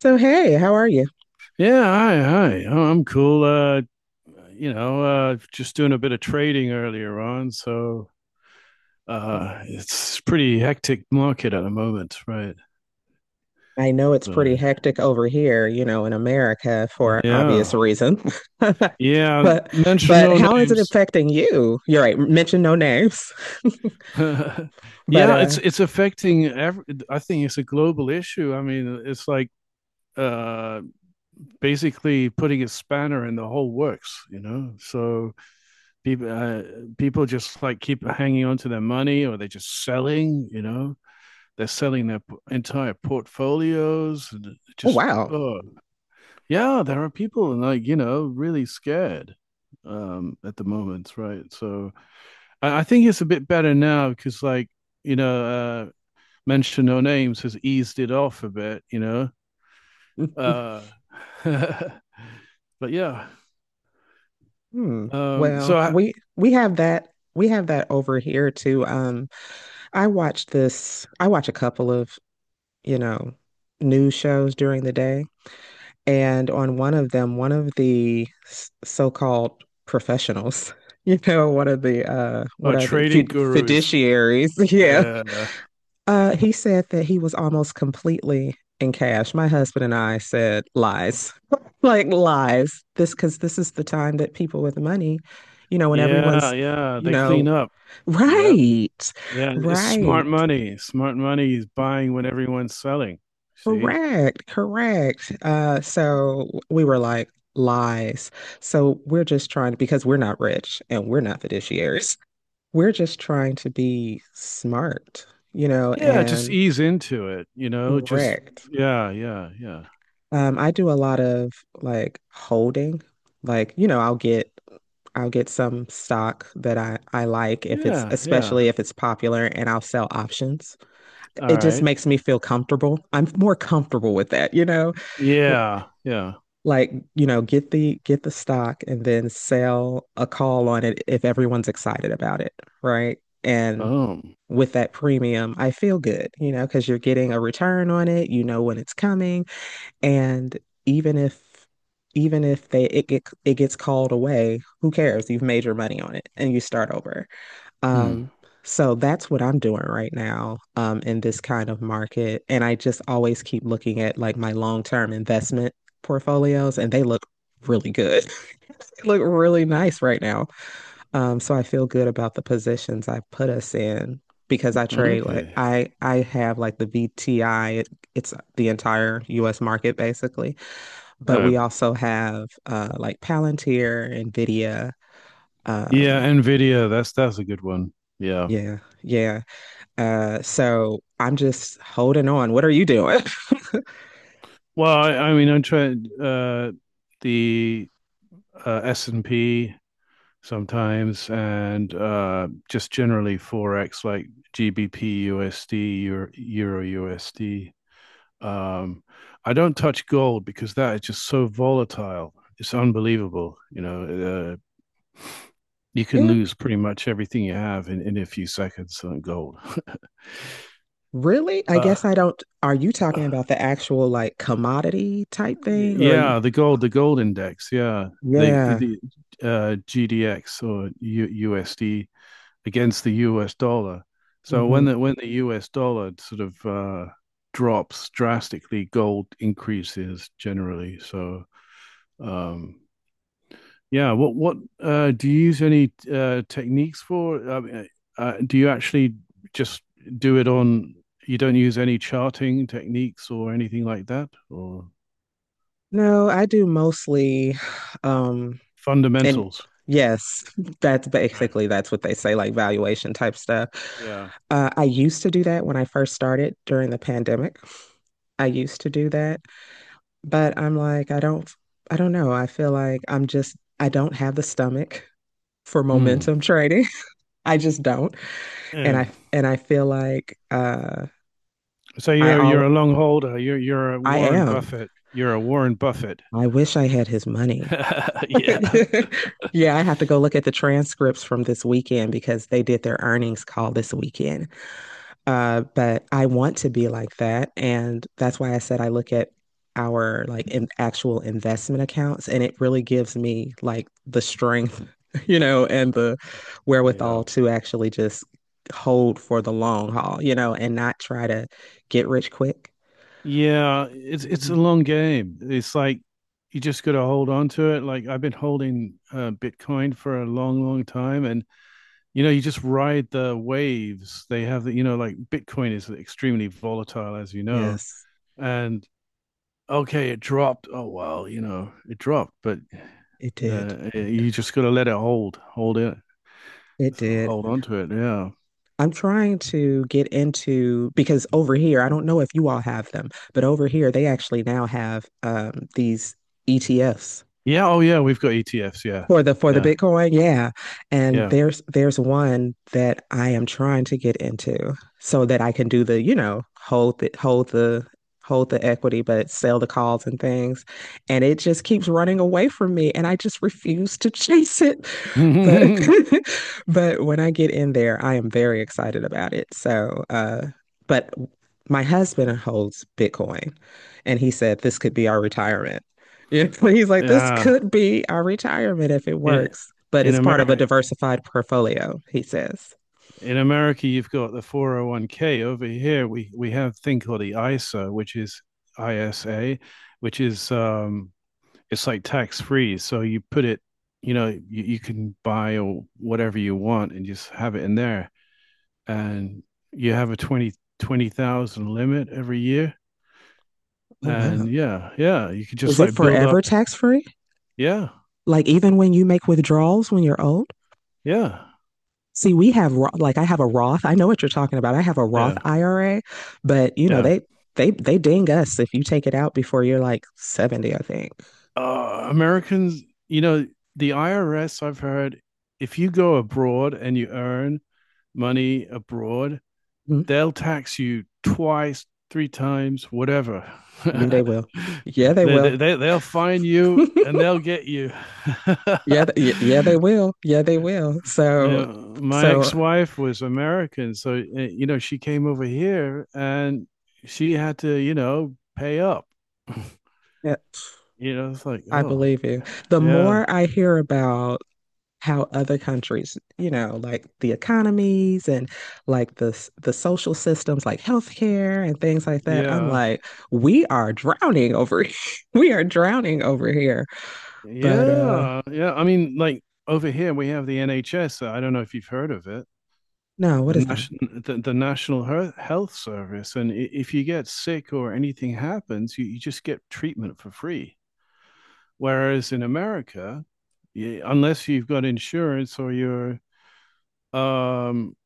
So, hey, how are you? Yeah, hi, hi. Oh, I'm cool. Just doing a bit of trading earlier on, so it's pretty hectic market at the moment, right? I know it's So, pretty hectic over here, you know, in America for obvious yeah, reason. yeah. But Mention but no how is it names. affecting you? You're right, mention no names. But Yeah, it's affecting I think it's a global issue. I mean, it's like uh basically putting a spanner in the whole works, you know? So people uh, people just like keep hanging on to their money, or they're just selling, you know? They're selling their entire portfolios, and it oh, just wow. oh, yeah, there are people, like, really scared at the moment, right? So I think it's a bit better now, because, like, you know uh mention no names has eased it off a bit, Uh but yeah. Hmm. Um Well, so I, we have that over here too. I watch this I watch a couple of, you know, news shows during the day. And on one of them, one of the so-called professionals, you know, one of the what oh, are the trading gurus. fiduciaries, yeah. Yeah. He said that he was almost completely in cash. My husband and I said lies. Like lies. This, because this is the time that people with money, you know, when everyone's, Yeah, yeah, you they know, clean up. Yeah. right. Yeah, it's smart Right. money. Smart money is buying when everyone's selling. See? Correct, correct. So we were like lies. So we're just trying to, because we're not rich and we're not fiduciaries. We're just trying to be smart, you know, Yeah, just and ease into it, just, correct. yeah, yeah, yeah. I do a lot of like holding, like, you know, I'll get some stock that I like, if it's Yeah, yeah. especially if it's popular, and I'll sell options. All It just right. makes me feel comfortable. I'm more comfortable with that, you know? Yeah, yeah. Like, you know, get the stock and then sell a call on it if everyone's excited about it, right? And Oh. with that premium, I feel good, you know, because you're getting a return on it, you know when it's coming, and even if even if they it, it it gets called away, who cares? You've made your money on it and you start over. Hmm. Um, so that's what I'm doing right now, in this kind of market. And I just always keep looking at like my long-term investment portfolios, and they look really good. They look really nice right now. So I feel good about the positions I put us in, because I trade like Okay. I have like the VTI, it's the entire US market basically, but we Um also have like Palantir, Nvidia, yeah, um, Nvidia, that's a good one. Yeah. yeah. Yeah, uh, so I'm just holding on. What are you doing? Well, I mean, I'm trying the S&P sometimes, and just generally forex, like GBP USD, Euro, USD. Um, I don't touch gold because that is just so volatile. It's unbelievable. You can Yeah, lose pretty much everything you have in a few seconds on gold. really? I guess uh, I don't. Are you talking about the actual like commodity type thing, or are you? yeah, the gold index. Yeah, the Yeah. the uh, GDX or USD against the US dollar. So when Hmm. the US dollar sort of drops drastically, gold increases generally. So um, yeah, what do you use any techniques for? I mean, do you actually just do it on? You don't use any charting techniques or anything like that, or No, I do mostly, um, and fundamentals. yes, that's Right. basically that's what they say, like valuation type stuff. Yeah. I used to do that when I first started during the pandemic. I used to do that, but I'm like, I don't know. I feel like I don't have the stomach for Hmm. momentum trading. I just don't. And And I feel like so I you're a all long holder. You're a I Warren am. Buffett. You're a Warren Buffett. I wish I had his money. yeah, I have to go look at the transcripts from this weekend because they did their earnings call this weekend. But I want to be like that. And that's why I said I look at our like in actual investment accounts, and it really gives me like the strength, you know, and the Yeah. wherewithal to actually just hold for the long haul, you know, and not try to get rich quick. Yeah, it's a Mhm. long game. It's like you just got to hold on to it. Like I've been holding Bitcoin for a long, long time, and you just ride the waves. They have like, Bitcoin is extremely volatile, as you know. Yes, And okay, it dropped. Oh well, it dropped, but it did. You just got to let it hold it, It so did. hold on to it. Yeah. I'm trying to get into, because over here, I don't know if you all have them, but over here they actually now have these ETFs Yeah. Oh yeah, we've got ETFs. Yeah. for the for the Yeah. Bitcoin, yeah. And Yeah. there's one that I am trying to get into so that I can do the, you know, hold the equity but sell the calls and things. And it just keeps running away from me and I just refuse to chase it. But but when I get in there, I am very excited about it. So, but my husband holds Bitcoin and he said this could be our retirement. Yeah, he's like, this Yeah. could be our retirement if it In works, but in it's part of a America diversified portfolio, he says. in America you've got the 401(k). Over here we have a thing called the ISA, which is ISA, which is, it's like tax free. So you put it, you can buy or whatever you want and just have it in there. And you have a twenty thousand limit every year. Oh, wow. And yeah, yeah, you could just Is it like build forever up. tax free? Yeah. Like even when you make withdrawals when you're old? Yeah. See, we have like I have a Roth. I know what you're talking about. I have a Roth Yeah. IRA, but you know Yeah. they they ding us if you take it out before you're like 70, I think. Americans, you know, the IRS, I've heard, if you go abroad and you earn money abroad, Mhm. they'll tax you twice, three times, whatever. Yeah, they will. Yeah, they will. They'll find you, and they'll get you. Yeah, yeah, they will. Yeah, they will. So Now, my so ex-wife was American, so she came over here, and she had to, pay up. yeah, You know, it's like, I oh, believe you. The yeah, more I hear about how other countries, you know, like the economies and like the the social systems, like healthcare and things like that. I'm yeah. like, we are drowning over here. We are drowning over here. But Yeah, yeah. I mean, like, over here we have the NHS. I don't know if you've heard of it, no, what the is that? national, the National Health Service. And if you get sick or anything happens, you just get treatment for free. Whereas in America, unless you've got insurance or um,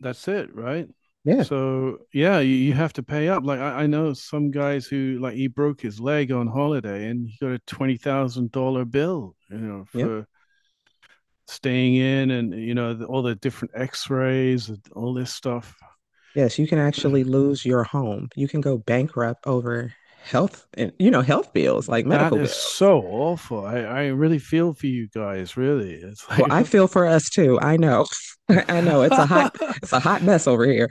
that's it, right? Yeah. So yeah, you have to pay up. Like, I know some guys who, like, he broke his leg on holiday and he got a $20,000 bill, Yep. for staying in, and, all the different x-rays and all this stuff. Yes, you can actually lose your home. You can go bankrupt over health and you know, health bills, like That medical is bills. so awful. I really feel for you guys. Really, it's Well, like, I feel for us too. I know. I know it's a hot mess over here.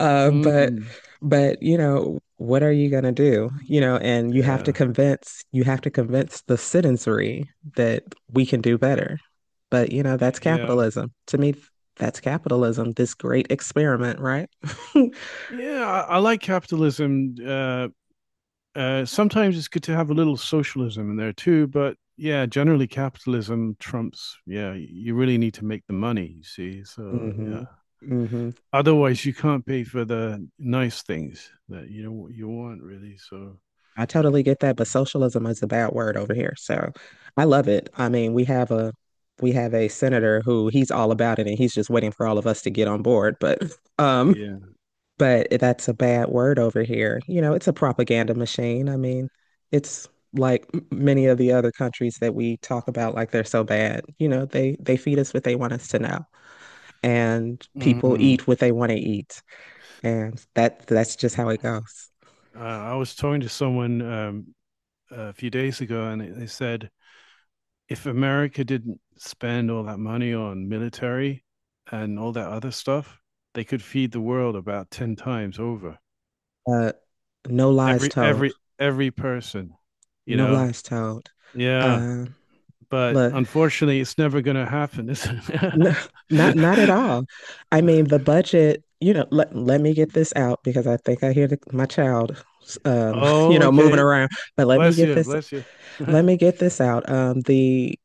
Uh, but mm, but you know, what are you gonna do? You know, and you have to yeah, convince the citizenry that we can do better. But you know, yeah, that's yeah, capitalism. To me, that's capitalism, this great experiment, right? yeah. I like capitalism. Sometimes it's good to have a little socialism in there too, but yeah, generally capitalism trumps. Yeah, you really need to make the money, you see, so yeah. hmm. Hmm. Otherwise, you can't pay for the nice things that, you know, you want, really. So I totally get that, but socialism is a bad word over here. So I love it. I mean, we have a senator who he's all about it and he's just waiting for all of us to get on board, um yeah. but that's a bad word over here. You know, it's a propaganda machine. I mean, it's like many of the other countries that we talk about, like they're so bad. You know, they feed us what they want us to know and people Mm. eat what they want to eat. And that's just how it goes. I was talking to someone, a few days ago, and they said if America didn't spend all that money on military and all that other stuff, they could feed the world about ten times over. Uh, no lies Every told. every every person, you No know. lies told. Yeah, Uh, but look, unfortunately, it's never going to happen, is not no, not at it? all. I mean, the budget, you know, let me get this out because I think I hear the, my child you Oh, know, moving okay. around. But Bless you. Bless you. let me get this out.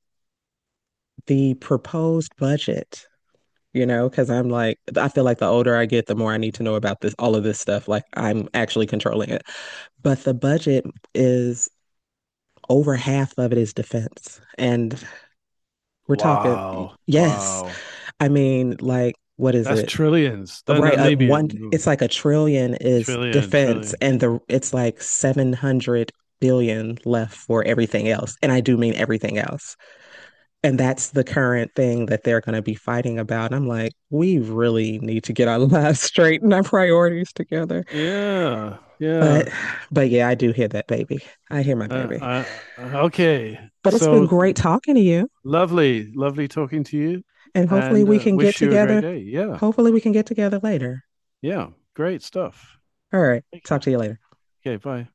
The proposed budget, you know, because I'm like I feel like the older I get, the more I need to know about this all of this stuff. Like I'm actually controlling it. But the budget is over half of it is defense. And we're talking, Wow. yes. Wow. I mean, like, what is That's it? trillions. Then Right, maybe, one. ooh, It's like a trillion is trillion, defense, trillion. and the it's like 700 billion left for everything else, and I do mean everything else. And that's the current thing that they're going to be fighting about. And I'm like, we really need to get our lives straight and our priorities together. Yeah. Yeah. But, but yeah, I do hear that baby. I hear my Uh, baby. I, I- okay. But it's been So great talking to you, lovely, lovely talking to you, and hopefully and we can get wish you a great together. day. Yeah. Hopefully we can get together later. Yeah. Great stuff. All right, Thank you. talk to you later. Okay. Bye.